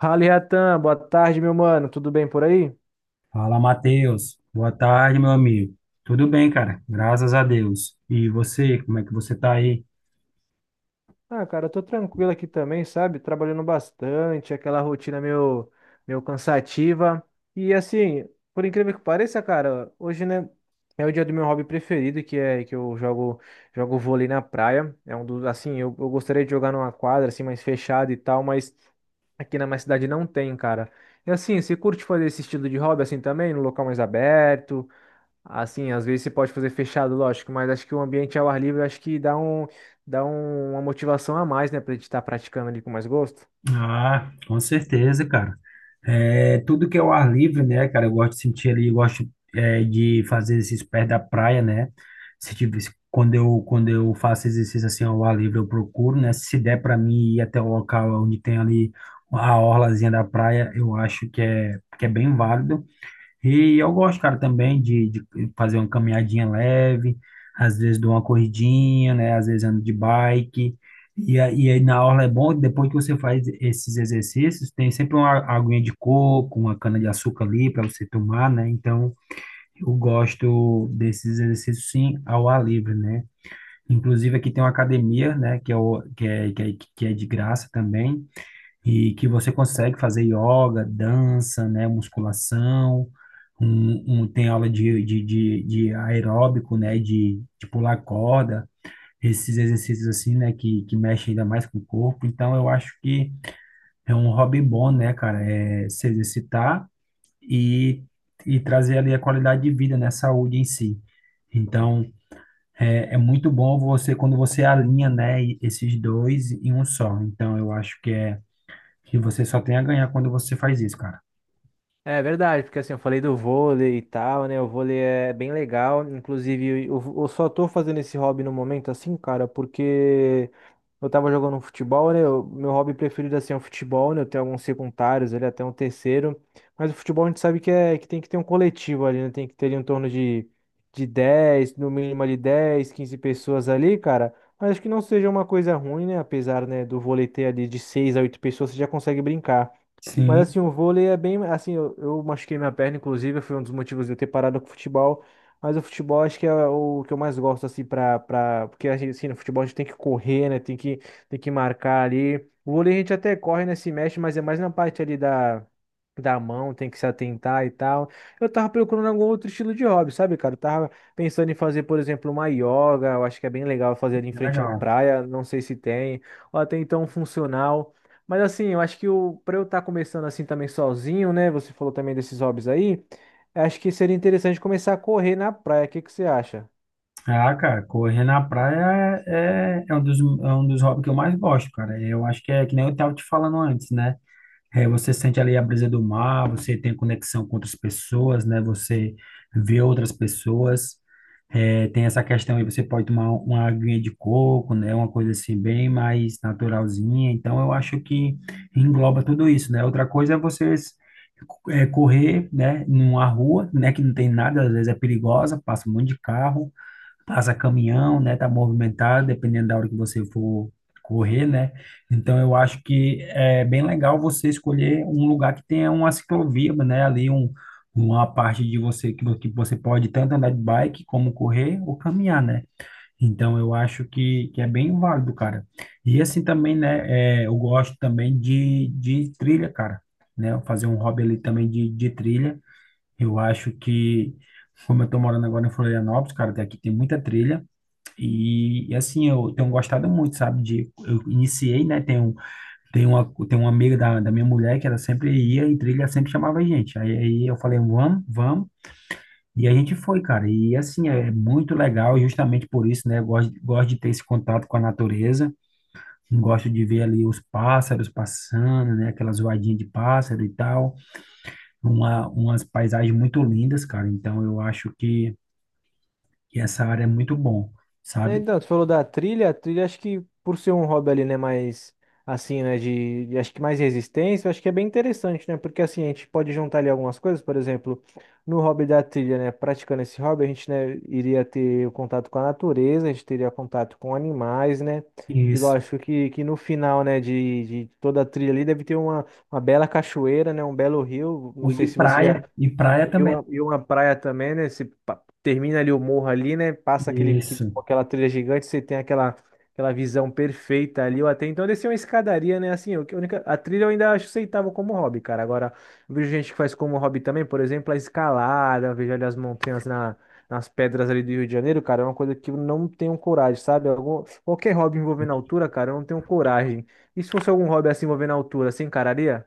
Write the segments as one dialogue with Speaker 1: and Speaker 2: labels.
Speaker 1: Fala, Iatan, boa tarde, meu mano. Tudo bem por aí?
Speaker 2: Fala, Matheus. Boa tarde, meu amigo. Tudo bem, cara? Graças a Deus. E você, como é que você tá aí?
Speaker 1: Ah, cara, eu tô tranquilo aqui também, sabe? Trabalhando bastante, aquela rotina meio cansativa. E assim, por incrível que pareça, cara, hoje, né, é o dia do meu hobby preferido, que é que eu jogo vôlei na praia. É um dos, assim, eu gostaria de jogar numa quadra assim mais fechada e tal, mas aqui na minha cidade não tem, cara. E assim, você curte fazer esse estilo de hobby assim também, no local mais aberto? Assim, às vezes você pode fazer fechado, lógico, mas acho que o ambiente ao ar livre acho que dá uma motivação a mais, né, pra gente estar praticando ali com mais gosto.
Speaker 2: Ah, com certeza, cara. É, tudo que é o ar livre, né, cara? Eu gosto de sentir ali, de fazer exercício perto da praia, né? Se tiver, se- Quando eu, quando eu faço exercício assim ao ar livre, eu procuro, né? Se der para mim ir até o local onde tem ali a orlazinha da praia, eu acho que é bem válido. E eu gosto, cara, também de fazer uma caminhadinha leve, às vezes dou uma corridinha, né? Às vezes ando de bike. E aí na orla é bom, depois que você faz esses exercícios, tem sempre uma aguinha de coco, uma cana-de-açúcar ali para você tomar, né? Então, eu gosto desses exercícios, sim, ao ar livre, né? Inclusive, aqui tem uma academia, né? Que é, o- que é, que é, que é de graça também e que você consegue fazer yoga, dança, né, musculação, tem aula de aeróbico, né, de pular corda, esses exercícios assim, né, que mexem ainda mais com o corpo. Então, eu acho que é um hobby bom, né, cara, é se exercitar e, e trazer ali a qualidade de vida, né, saúde em si. Então, é, é muito bom você, quando você alinha, né, esses dois em um só. Então, eu acho que é que você só tem a ganhar quando você faz isso, cara.
Speaker 1: É verdade, porque assim, eu falei do vôlei e tal, né? O vôlei é bem legal. Inclusive, eu só tô fazendo esse hobby no momento, assim, cara, porque eu tava jogando um futebol, né? O meu hobby preferido assim é o futebol, né? Eu tenho alguns secundários, ele até um terceiro. Mas o futebol a gente sabe que é que tem que ter um coletivo ali, né? Tem que ter ali em torno de 10 no mínimo ali 10 15 pessoas ali, cara. Mas acho que não seja uma coisa ruim, né? Apesar, né, do vôlei ter ali de 6 a 8 pessoas, você já consegue brincar. Mas
Speaker 2: Sim,
Speaker 1: assim, o vôlei é bem. Assim, eu machuquei minha perna, inclusive, foi um dos motivos de eu ter parado com o futebol. Mas o futebol acho que é o que eu mais gosto, assim, pra. Porque assim, no futebol a gente tem que correr, né? Tem que marcar ali. O vôlei a gente até corre, né? Se mexe, mas é mais na parte ali da. Da mão, tem que se atentar e tal. Eu tava procurando algum outro estilo de hobby, sabe, cara? Eu tava pensando em fazer, por exemplo, uma yoga. Eu acho que é bem legal fazer ali em
Speaker 2: é
Speaker 1: frente à
Speaker 2: legal.
Speaker 1: praia. Não sei se tem. Ou até então um funcional. Mas assim, eu acho que o para eu estar começando assim também sozinho, né? Você falou também desses hobbies aí. Acho que seria interessante começar a correr na praia. O que que você acha?
Speaker 2: Ah, cara, correr na praia é é um dos hobbies que eu mais gosto, cara. Eu acho que é que nem eu estava te falando antes, né? É, você sente ali a brisa do mar, você tem conexão com outras pessoas, né? Você vê outras pessoas. É, tem essa questão aí, você pode tomar uma aguinha de coco, né? Uma coisa assim bem mais naturalzinha. Então, eu acho que engloba tudo isso, né? Outra coisa é você é, correr, né? Numa rua, né? Que não tem nada, às vezes é perigosa, passa um monte de carro passa caminhão, né? Tá movimentado, dependendo da hora que você for correr, né? Então eu acho que é bem legal você escolher um lugar que tenha uma ciclovia, né? Ali um, uma parte de você que você pode tanto andar de bike como correr ou caminhar, né? Então eu acho que é bem válido, cara. E assim também, né? É, eu gosto também de trilha, cara. Né? Fazer um hobby ali também de trilha. Eu acho que, como eu tô morando agora em Florianópolis, cara, daqui tem muita trilha. E, assim, eu tenho gostado muito, sabe? De, eu iniciei, né? Tem uma amiga da minha mulher que ela sempre ia em trilha, sempre chamava a gente. Aí eu falei, vamos. E a gente foi, cara. E assim, é muito legal, e justamente por isso, né? Eu gosto de ter esse contato com a natureza. Gosto de ver ali os pássaros passando, né? Aquelas zoadinhas de pássaro e tal. Umas paisagens muito lindas, cara. Então eu acho que essa área é muito bom,
Speaker 1: É,
Speaker 2: sabe?
Speaker 1: então, tu falou da trilha, a trilha acho que por ser um hobby ali, né, mais assim, né, acho que mais resistência, acho que é bem interessante, né, porque assim, a gente pode juntar ali algumas coisas, por exemplo, no hobby da trilha, né, praticando esse hobby, a gente, né, iria ter o contato com a natureza, a gente teria contato com animais, né, e
Speaker 2: Isso.
Speaker 1: lógico que no final, né, de toda a trilha ali deve ter uma bela cachoeira, né, um belo rio, não sei se você já...
Speaker 2: E praia também.
Speaker 1: E uma praia também, né? Se termina ali o morro ali, né? Passa
Speaker 2: Isso.
Speaker 1: aquela trilha gigante, você tem aquela, aquela visão perfeita ali. Eu até então desci uma escadaria, né? Assim, que a única, a trilha eu ainda acho aceitável como hobby, cara. Agora, eu vejo gente que faz como hobby também, por exemplo, a escalada, eu vejo ali as montanhas na, nas pedras ali do Rio de Janeiro, cara, é uma coisa que eu não tenho coragem, sabe? Algum, qualquer hobby envolvendo altura, cara, eu não tenho coragem. E se fosse algum hobby assim envolvendo altura, você encararia?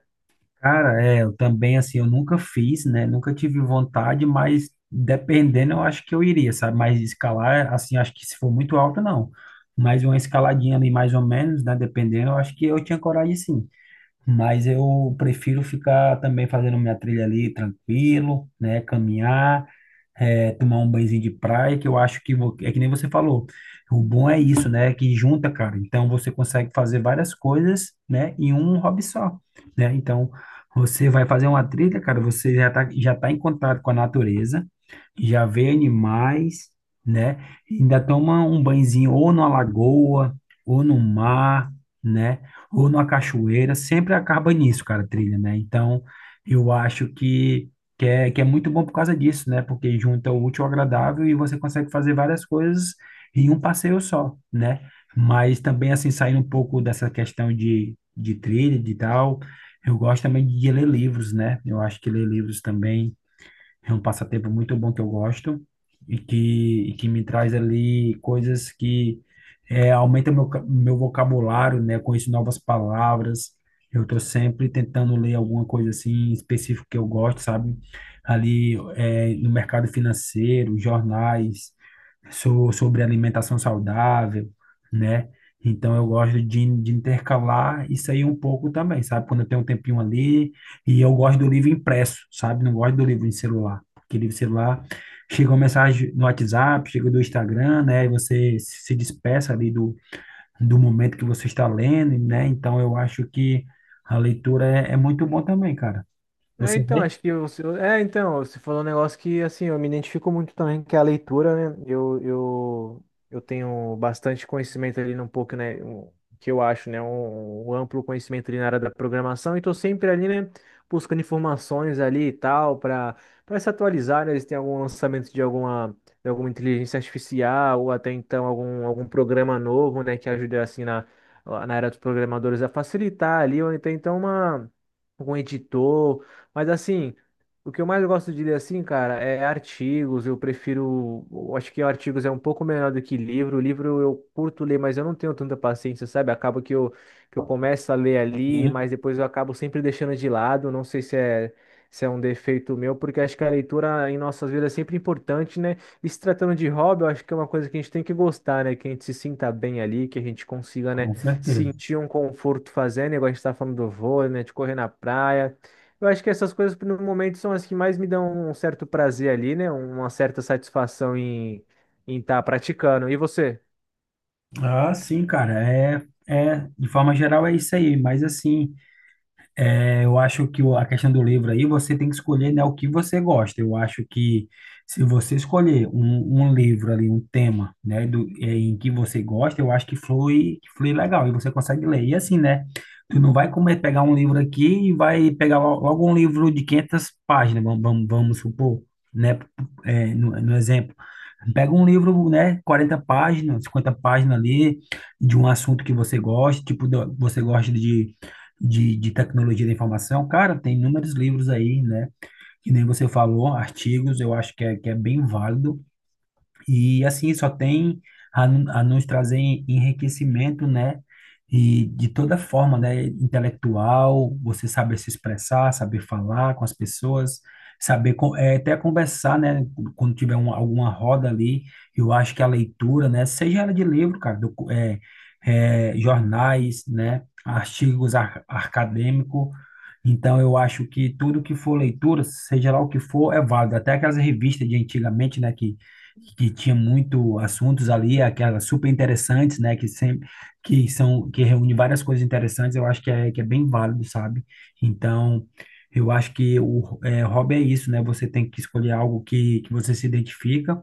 Speaker 2: Cara, é, eu também, assim, eu nunca fiz, né? Nunca tive vontade, mas dependendo, eu acho que eu iria, sabe? Mas escalar, assim, acho que se for muito alto, não. Mas uma escaladinha ali, mais ou menos, né? Dependendo, eu acho que eu tinha coragem, sim. Mas eu prefiro ficar também fazendo minha trilha ali, tranquilo, né? Caminhar. É, tomar um banhozinho de praia, que eu acho que é que nem você falou. O bom é isso, né? Que junta, cara. Então você consegue fazer várias coisas, né? Em um hobby só, né? Então você vai fazer uma trilha, cara. Você já tá em contato com a natureza, já vê animais, né? Ainda toma um banhozinho ou numa lagoa, ou no mar, né? Ou numa cachoeira, sempre acaba nisso, cara, a trilha, né? Então, eu acho que é muito bom por causa disso, né? Porque junta o útil ao agradável e você consegue fazer várias coisas em um passeio só, né? Mas também, assim, saindo um pouco dessa questão de trilha, de tal, eu gosto também de ler livros, né? Eu acho que ler livros também é um passatempo muito bom que eu gosto e que me traz ali coisas que é, aumenta meu, meu vocabulário, né? Eu conheço novas palavras. Eu estou sempre tentando ler alguma coisa assim específica que eu gosto, sabe? Ali é, no mercado financeiro, jornais, sou sobre alimentação saudável, né? Então eu gosto de intercalar isso aí um pouco também, sabe? Quando eu tenho um tempinho ali, e eu gosto do livro impresso, sabe? Não gosto do livro em celular, porque livro em celular chega uma mensagem no WhatsApp, chega do Instagram, né? E você se despeça ali do, do momento que você está lendo, né? Então eu acho que a leitura é, é muito bom também, cara.
Speaker 1: É,
Speaker 2: Você
Speaker 1: então,
Speaker 2: vê?
Speaker 1: acho que você. É, então, você falou um negócio que, assim, eu me identifico muito também, que é a leitura, né? Eu tenho bastante conhecimento ali, um pouco, né? Que eu acho, né? Um amplo conhecimento ali na área da programação, e tô sempre ali, né? Buscando informações ali e tal, para se atualizar, né? Se tem algum lançamento de alguma inteligência artificial, ou até então algum programa novo, né? Que ajude, assim, na era dos programadores a facilitar ali, ou até então uma. Algum editor. Mas assim, o que eu mais gosto de ler assim, cara, é artigos. Eu prefiro, eu acho que artigos é um pouco melhor do que livro. Livro eu curto ler, mas eu não tenho tanta paciência, sabe? Acaba que eu começo a ler ali,
Speaker 2: Sim,
Speaker 1: mas depois eu acabo sempre deixando de lado. Não sei se é um defeito meu, porque acho que a leitura em nossas vidas é sempre importante, né? E se tratando de hobby, eu acho que é uma coisa que a gente tem que gostar, né? Que a gente se sinta bem ali, que a gente consiga, né,
Speaker 2: com certeza.
Speaker 1: sentir um conforto fazendo, igual a gente tá falando do vôlei, né, de correr na praia. Eu acho que essas coisas no momento são as que mais me dão um certo prazer ali, né? Uma certa satisfação em estar praticando. E você?
Speaker 2: Ah, sim, cara, é, é, de forma geral é isso aí, mas assim, é, eu acho que a questão do livro aí, você tem que escolher, né, o que você gosta. Eu acho que se você escolher um livro ali, um tema, né, do, é, em que você gosta, eu acho que flui legal e você consegue ler. E assim, né, tu não vai comer, pegar um livro aqui e vai pegar logo um livro de 500 páginas, vamos supor, né, é, no, no exemplo. Pega um livro, né, 40 páginas, 50 páginas ali, de um assunto que você gosta, tipo, você gosta de de tecnologia da informação, cara, tem inúmeros livros aí, né? Que nem você falou, artigos, eu acho que é bem válido. E assim só tem a nos trazer enriquecimento, né? E de toda forma, né? Intelectual, você saber se expressar, saber falar com as pessoas, saber até conversar, né? Quando tiver um, alguma roda ali, eu acho que a leitura, né? Seja ela de livro, cara, jornais, né? Artigos acadêmicos. Então, eu acho que tudo que for leitura, seja lá o que for, é válido. Até aquelas revistas de antigamente, né? Que tinha muito assuntos ali, aquelas super interessantes, né, que sempre que são que reúne várias coisas interessantes, eu acho que é bem válido, sabe? Então, eu acho que o é, hobby é isso, né? Você tem que escolher algo que você se identifica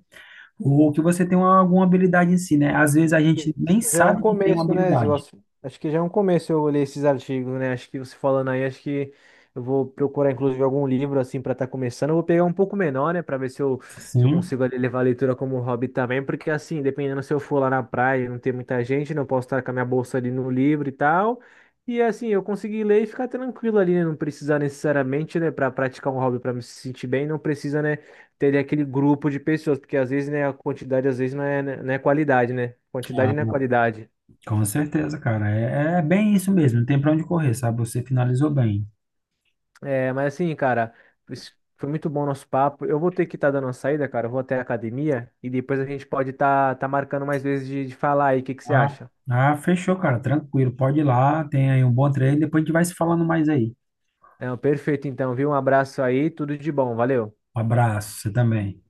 Speaker 2: ou que você tem uma, alguma habilidade em si, né? Às vezes a
Speaker 1: Que
Speaker 2: gente nem
Speaker 1: já é um
Speaker 2: sabe que tem uma
Speaker 1: começo, né, Zil?
Speaker 2: habilidade.
Speaker 1: Acho que já é um começo eu ler esses artigos, né? Acho que você falando aí, acho que eu vou procurar, inclusive, algum livro, assim, para estar começando. Eu vou pegar um pouco menor, né, para ver se eu
Speaker 2: Sim,
Speaker 1: consigo ali levar a leitura como hobby também, porque, assim, dependendo se eu for lá na praia e não tem muita gente, não posso estar com a minha bolsa ali no livro e tal. E, assim, eu conseguir ler e ficar tranquilo ali, né? Não precisar necessariamente, né, para praticar um hobby, para me sentir bem, não precisa, né? Teria aquele grupo de pessoas, porque às vezes, né, a quantidade às vezes não é qualidade, né? Quantidade
Speaker 2: ah,
Speaker 1: não é qualidade.
Speaker 2: com certeza, cara. É, é bem isso mesmo, não tem pra onde correr, sabe? Você finalizou bem.
Speaker 1: É, mas assim, cara, foi muito bom o nosso papo. Eu vou ter que estar dando uma saída, cara. Eu vou até a academia e depois a gente pode estar marcando mais vezes de falar aí. O que que você
Speaker 2: Ah,
Speaker 1: acha?
Speaker 2: ah, fechou, cara. Tranquilo. Pode ir lá. Tenha aí um bom treino. Depois a gente vai se falando mais aí.
Speaker 1: Não, perfeito, então, viu? Um abraço aí, tudo de bom, valeu.
Speaker 2: Um abraço. Você também.